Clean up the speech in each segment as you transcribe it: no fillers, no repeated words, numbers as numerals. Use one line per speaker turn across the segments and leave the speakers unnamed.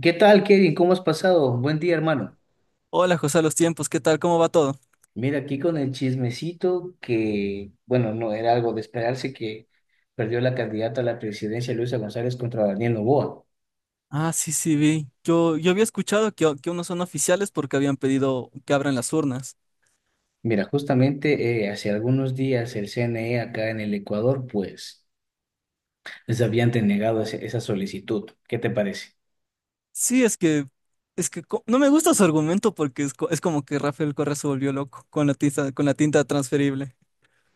¿Qué tal, Kevin? ¿Cómo has pasado? Buen día, hermano.
Hola José, a los tiempos, ¿qué tal? ¿Cómo va todo?
Mira, aquí con el chismecito que, bueno, no era algo de esperarse que perdió la candidata a la presidencia Luisa González contra Daniel Noboa.
Ah, sí, sí, vi. Yo había escuchado que unos son oficiales porque habían pedido que abran las urnas.
Mira, justamente hace algunos días el CNE acá en el Ecuador, pues, les habían denegado esa solicitud. ¿Qué te parece?
Sí, es que, no me gusta su argumento porque es, es como que Rafael Correa se volvió loco con la tinta transferible.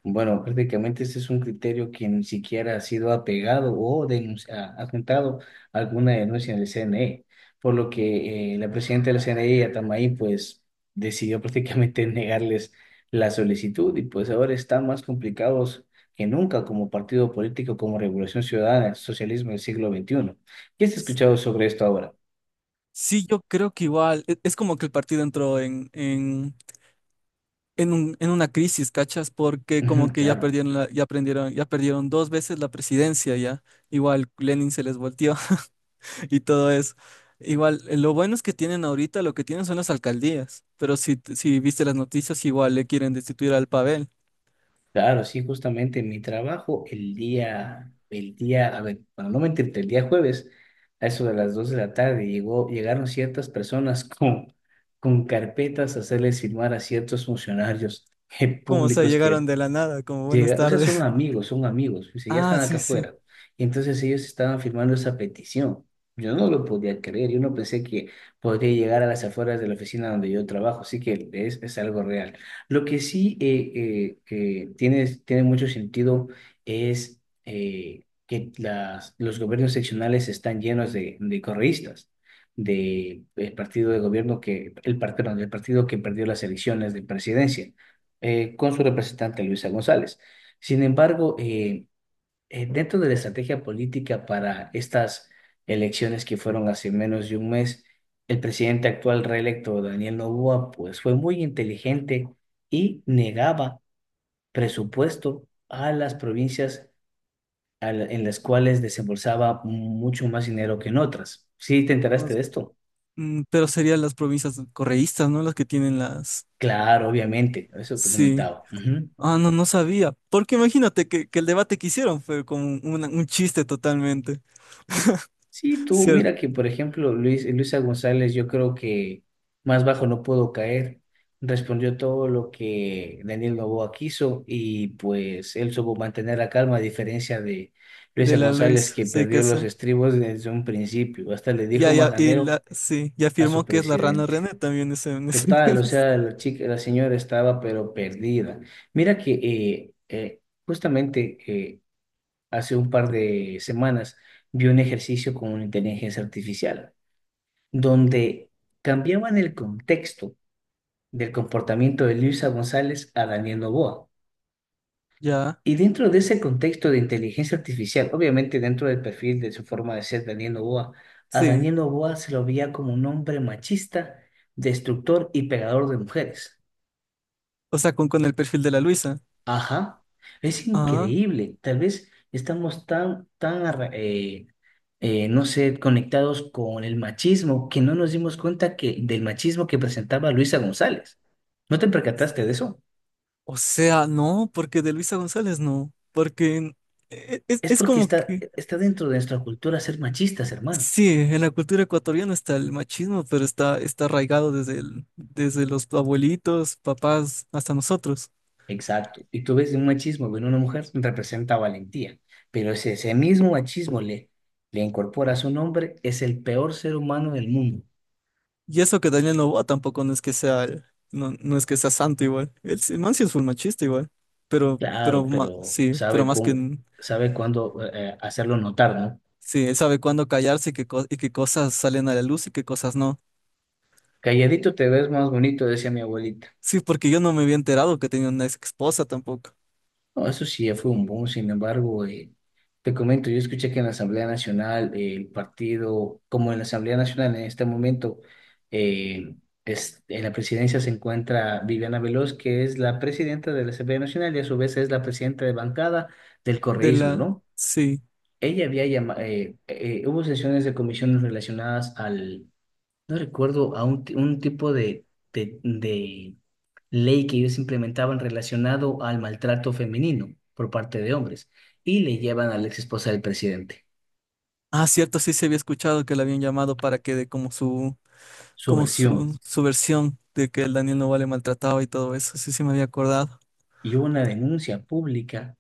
Bueno, prácticamente este es un criterio que ni siquiera ha sido apegado o atentado a alguna denuncia del CNE, por lo que la presidenta del CNE, Atamay, pues decidió prácticamente negarles la solicitud, y pues ahora están más complicados que nunca como partido político, como Revolución Ciudadana, socialismo del siglo XXI. ¿Qué has escuchado sobre esto ahora?
Sí, yo creo que igual, es como que el partido entró en una crisis, ¿cachas? Porque como
Ujú,
que ya
claro.
perdieron ya aprendieron, ya perdieron dos veces la presidencia ya. Igual Lenin se les volteó y todo eso. Igual, lo bueno es que tienen ahorita, lo que tienen son las alcaldías, pero si viste las noticias, igual le quieren destituir al Pavel.
Claro, sí, justamente en mi trabajo a ver, bueno, no me entiendo, el día jueves, a eso de las 2 de la tarde, llegaron ciertas personas con carpetas a hacerles firmar a ciertos funcionarios
Como se
públicos que.
llegaron de la nada, como buenas
Llega, o sea,
tardes.
son amigos, o sea, ya
Ah,
están acá
sí, sí.
afuera. Y entonces ellos estaban firmando esa petición. Yo no lo podía creer, yo no pensé que podría llegar a las afueras de la oficina donde yo trabajo, así que es algo real. Lo que sí que tiene mucho sentido es que los gobiernos seccionales están llenos de correístas, del partido de gobierno que, perdón, del partido que perdió las elecciones de presidencia con su representante Luisa González. Sin embargo, dentro de la estrategia política para estas elecciones, que fueron hace menos de un mes, el presidente actual reelecto, Daniel Noboa, pues fue muy inteligente y negaba presupuesto a las provincias en las cuales desembolsaba mucho más dinero que en otras. ¿Sí te enteraste
Vamos.
de esto?
Mm, pero serían las provincias correístas, ¿no? Las que tienen las...
Claro, obviamente, eso te
Sí.
comentaba. Ujú.
Ah, no, no sabía. Porque imagínate que el debate que hicieron fue como un chiste totalmente,
Sí, tú,
¿cierto?
mira que por ejemplo, Luisa González, yo creo que más bajo no puedo caer. Respondió todo lo que Daniel Noboa quiso y pues él supo mantener la calma, a diferencia de
De
Luisa
la
González,
Luis,
que
sí
perdió
que
los
sé.
estribos desde un principio. Hasta le dijo
Ya, ya, y
majanero
la, sí, y
a su
afirmó que es la rana
presidente.
René también ese, en ese-
Total, o sea, la chica, la señora estaba pero perdida. Mira que justamente hace un par de semanas vi un ejercicio con una inteligencia artificial donde cambiaban el contexto del comportamiento de Luisa González a Daniel Noboa.
Ya.
Y dentro de ese contexto de inteligencia artificial, obviamente dentro del perfil de su forma de ser Daniel Noboa, a
Sí,
Daniel Noboa se lo veía como un hombre machista, destructor y pegador de mujeres.
o sea, con el perfil de la Luisa.
Ajá, es
Ah,
increíble. Tal vez estamos tan no sé, conectados con el machismo, que no nos dimos cuenta que del machismo que presentaba Luisa González. ¿No te percataste de eso?
o sea, no, porque de Luisa González no, porque
Es
es
porque
como
está,
que,
está dentro de nuestra cultura ser machistas, hermano.
sí, en la cultura ecuatoriana está el machismo, pero está, está arraigado desde, desde los abuelitos, papás, hasta nosotros.
Exacto. Y tú ves un machismo en una mujer representa valentía, pero si ese mismo machismo le incorpora a su nombre, es el peor ser humano del mundo.
Y eso que Daniel Noboa tampoco no es que sea, no, no es que sea santo igual. El man sí es full machista igual, pero, pero
Claro,
ma-
pero
sí, pero
sabe,
más que,
sabe cuándo hacerlo notar, ¿no?
sí, él sabe cuándo callarse y qué, y qué cosas salen a la luz y qué cosas no.
Calladito te ves más bonito, decía mi abuelita.
Sí, porque yo no me había enterado que tenía una ex esposa tampoco.
No, eso sí ya fue un boom. Sin embargo, te comento, yo escuché que en la Asamblea Nacional, el partido, como en la Asamblea Nacional en este momento, eh, en la presidencia se encuentra Viviana Veloz, que es la presidenta de la Asamblea Nacional, y a su vez es la presidenta de bancada del
De
correísmo,
la...
¿no?
Sí.
Ella había llamado, hubo sesiones de comisiones relacionadas al. No recuerdo un tipo de ley que ellos implementaban, relacionado al maltrato femenino por parte de hombres, y le llevan a la ex esposa del presidente,
Ah, cierto, sí se había escuchado que la habían llamado para que dé
su
como
versión,
su versión de que el Daniel Novoa le maltrataba y todo eso. Sí, sí me había acordado.
y hubo una denuncia pública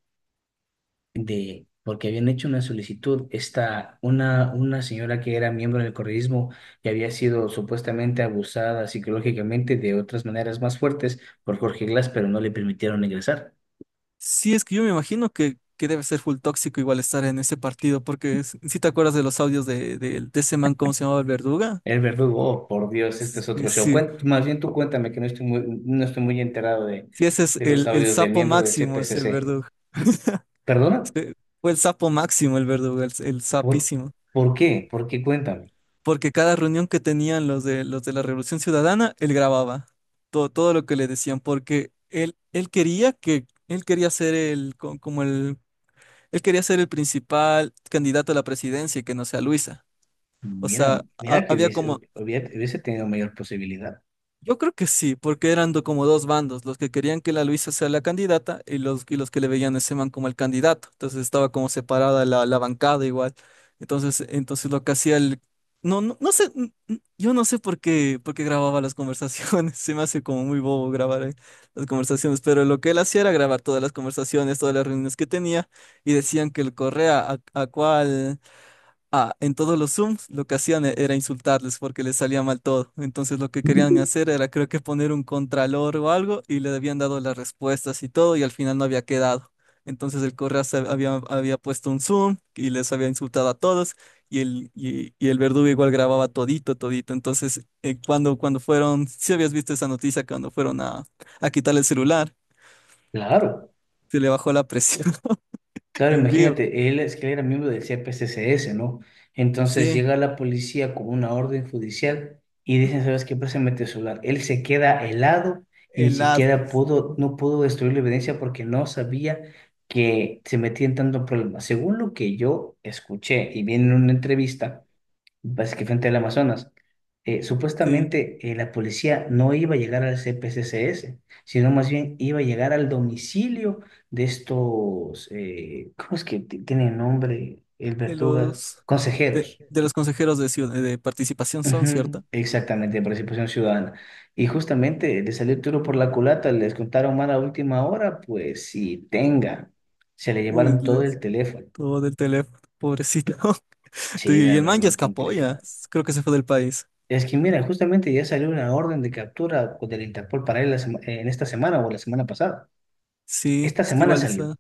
de porque habían hecho una solicitud esta una señora que era miembro del correísmo y había sido supuestamente abusada psicológicamente de otras maneras más fuertes por Jorge Glass, pero no le permitieron ingresar.
Sí, es que yo me imagino que debe ser full tóxico igual estar en ese partido, porque si te acuerdas de los audios de ese man, ¿cómo se llamaba el verduga?
El verdugo, oh, por Dios, este es
Sí,
otro show.
sí,
Más bien tú cuéntame, que no estoy muy, no estoy muy enterado
sí, ese es
de los
el
audios del
sapo
miembro del
máximo, es el
CPCC.
verdugo.
¿Perdona?
Este, fue el sapo máximo el verdugo, el
¿Por,
sapísimo.
por qué? ¿Por qué? Cuéntame.
Porque cada reunión que tenían los de la Revolución Ciudadana, él grababa todo, todo lo que le decían, porque él quería que, él quería ser el, como el, él quería ser el principal candidato a la presidencia y que no sea Luisa. O
Mira,
sea,
mira que
había como,
hubiese tenido mayor posibilidad.
yo creo que sí, porque eran como dos bandos, los que querían que la Luisa sea la candidata y los que le veían a ese man como el candidato. Entonces estaba como separada la, la bancada igual. Entonces, entonces lo que hacía el... No, no, no sé, yo no sé por qué grababa las conversaciones, se me hace como muy bobo grabar las conversaciones, pero lo que él hacía era grabar todas las conversaciones, todas las reuniones que tenía y decían que el Correa a cuál... Ah, en todos los Zooms lo que hacían era insultarles porque les salía mal todo. Entonces lo que querían hacer era creo que poner un contralor o algo y le habían dado las respuestas y todo y al final no había quedado. Entonces el Correas había, había puesto un Zoom y les había insultado a todos y el verdugo igual grababa todito, todito. Entonces cuando, cuando fueron, si habías visto esa noticia, cuando fueron a quitar el celular,
Claro.
se le bajó la presión
Claro,
en vivo.
imagínate, él es que era miembro del CPCCS, ¿no? Entonces
Sí,
llega la policía con una orden judicial y dicen, ¿sabes qué? Préstame tu celular. Él se queda helado, y ni
helado.
siquiera pudo, no pudo destruir la evidencia, porque no sabía que se metía en tanto problema. Según lo que yo escuché y vi en una entrevista, pues, que frente al Amazonas,
Sí.
supuestamente la policía no iba a llegar al CPCCS, sino más bien iba a llegar al domicilio de estos, ¿cómo es que tiene nombre el
De
Verduga?
los
Consejeros.
de los consejeros de, de participación son,
Ujú,
¿cierto?
exactamente, de participación ciudadana. Y justamente le salió el tiro por la culata, les contaron mal a última hora, pues si tenga, se le
Uy,
llevaron todo el
les-
teléfono.
todo del teléfono, pobrecito. Tu-
Sí,
Y
la
el man ya
verdad,
escapó ya,
complicado.
creo que se fue del país.
Es que mira, justamente ya salió una orden de captura del Interpol para él en esta semana o la semana pasada.
Sí,
Esta
es que
semana salió.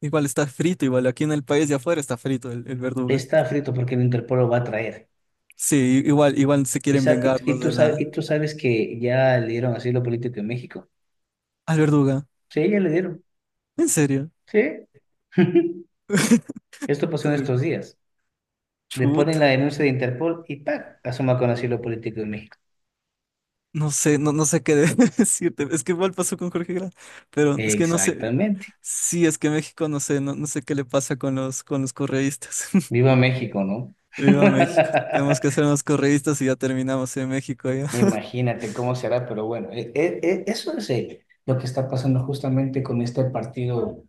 igual está frito, igual aquí en el país de afuera está frito el verduga.
Está frito porque el Interpol lo va a traer.
Sí, igual, igual se
Y,
quieren
sa-
vengar
y, y
los
tú,
de
y
la
tú sabes que ya le dieron asilo político en México.
al verduga.
Sí, ya le dieron.
¿En serio?
Sí. Esto pasó en estos días. Le ponen la
Chuta,
denuncia de Interpol y ¡pac!, asoma con asilo político en México.
no sé, no, no sé qué decirte. Es que igual pasó con Jorge Grau, pero es que no sé.
Exactamente.
Sí, es que México, no sé, no, no sé qué le pasa con los correístas.
Viva México, ¿no?
Viva México. Tenemos que ser unos correístas y ya terminamos en México ya.
Imagínate cómo será, pero bueno, eso es lo que está pasando justamente con este partido,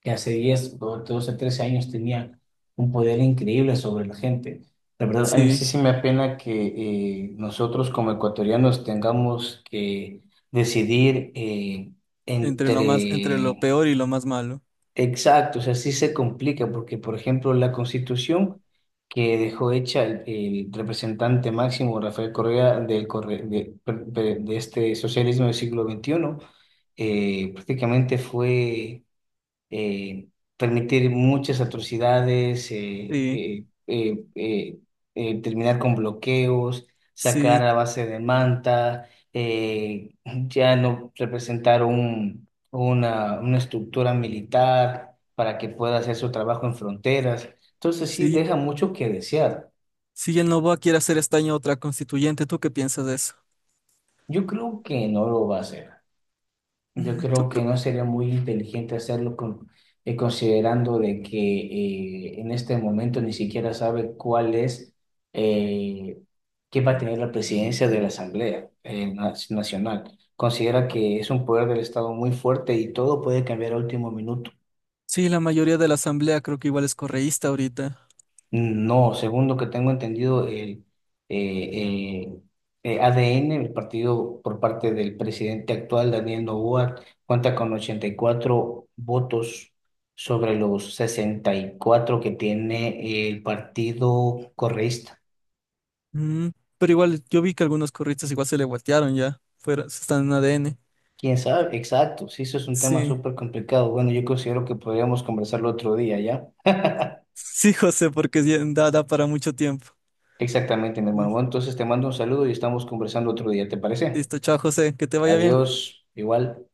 que hace 10 o 12 13 años tenía un poder increíble sobre la gente. La verdad, a mí sí,
Sí,
sí me apena que nosotros como ecuatorianos tengamos que decidir
entre lo más, entre lo
entre.
peor y lo más malo.
Exacto, o sea, sí se complica porque, por ejemplo, la constitución que dejó hecha el representante máximo Rafael Correa del Corre- de, per- per- de este socialismo del siglo XXI, prácticamente fue eh, permitir muchas atrocidades,
Sí,
terminar con bloqueos, sacar
sí,
a base de manta, ya no representar una estructura militar para que pueda hacer su trabajo en fronteras. Entonces sí
sí.
deja mucho que desear.
Si el Novoa quiere hacer esta año otra constituyente, ¿tú qué piensas de eso?
Yo creo que no lo va a hacer. Yo
Mm, yo
creo que
creo,
no sería muy inteligente hacerlo con, considerando de que en este momento ni siquiera sabe cuál es, eh, qué va a tener la presidencia de la Asamblea Nacional. Considera que es un poder del Estado muy fuerte y todo puede cambiar a último minuto.
sí, la mayoría de la asamblea creo que igual es correísta ahorita.
No, según lo que tengo entendido, el eh, eh, ADN, el partido por parte del presidente actual, Daniel Noboa, cuenta con 84 votos sobre los 64 que tiene el partido correísta.
Mm, pero igual yo vi que algunos curristas igual se le voltearon ya, fuera, están en ADN.
¿Quién sabe? Exacto, sí, eso es un tema
Sí,
súper complicado. Bueno, yo considero que podríamos conversarlo otro día, ¿ya?
sí, José, porque sí, da, da para mucho tiempo.
Exactamente, mi hermano.
Sí.
Bueno, entonces te mando un saludo y estamos conversando otro día, ¿te parece?
Listo, chao, José, que te vaya bien.
Adiós, igual.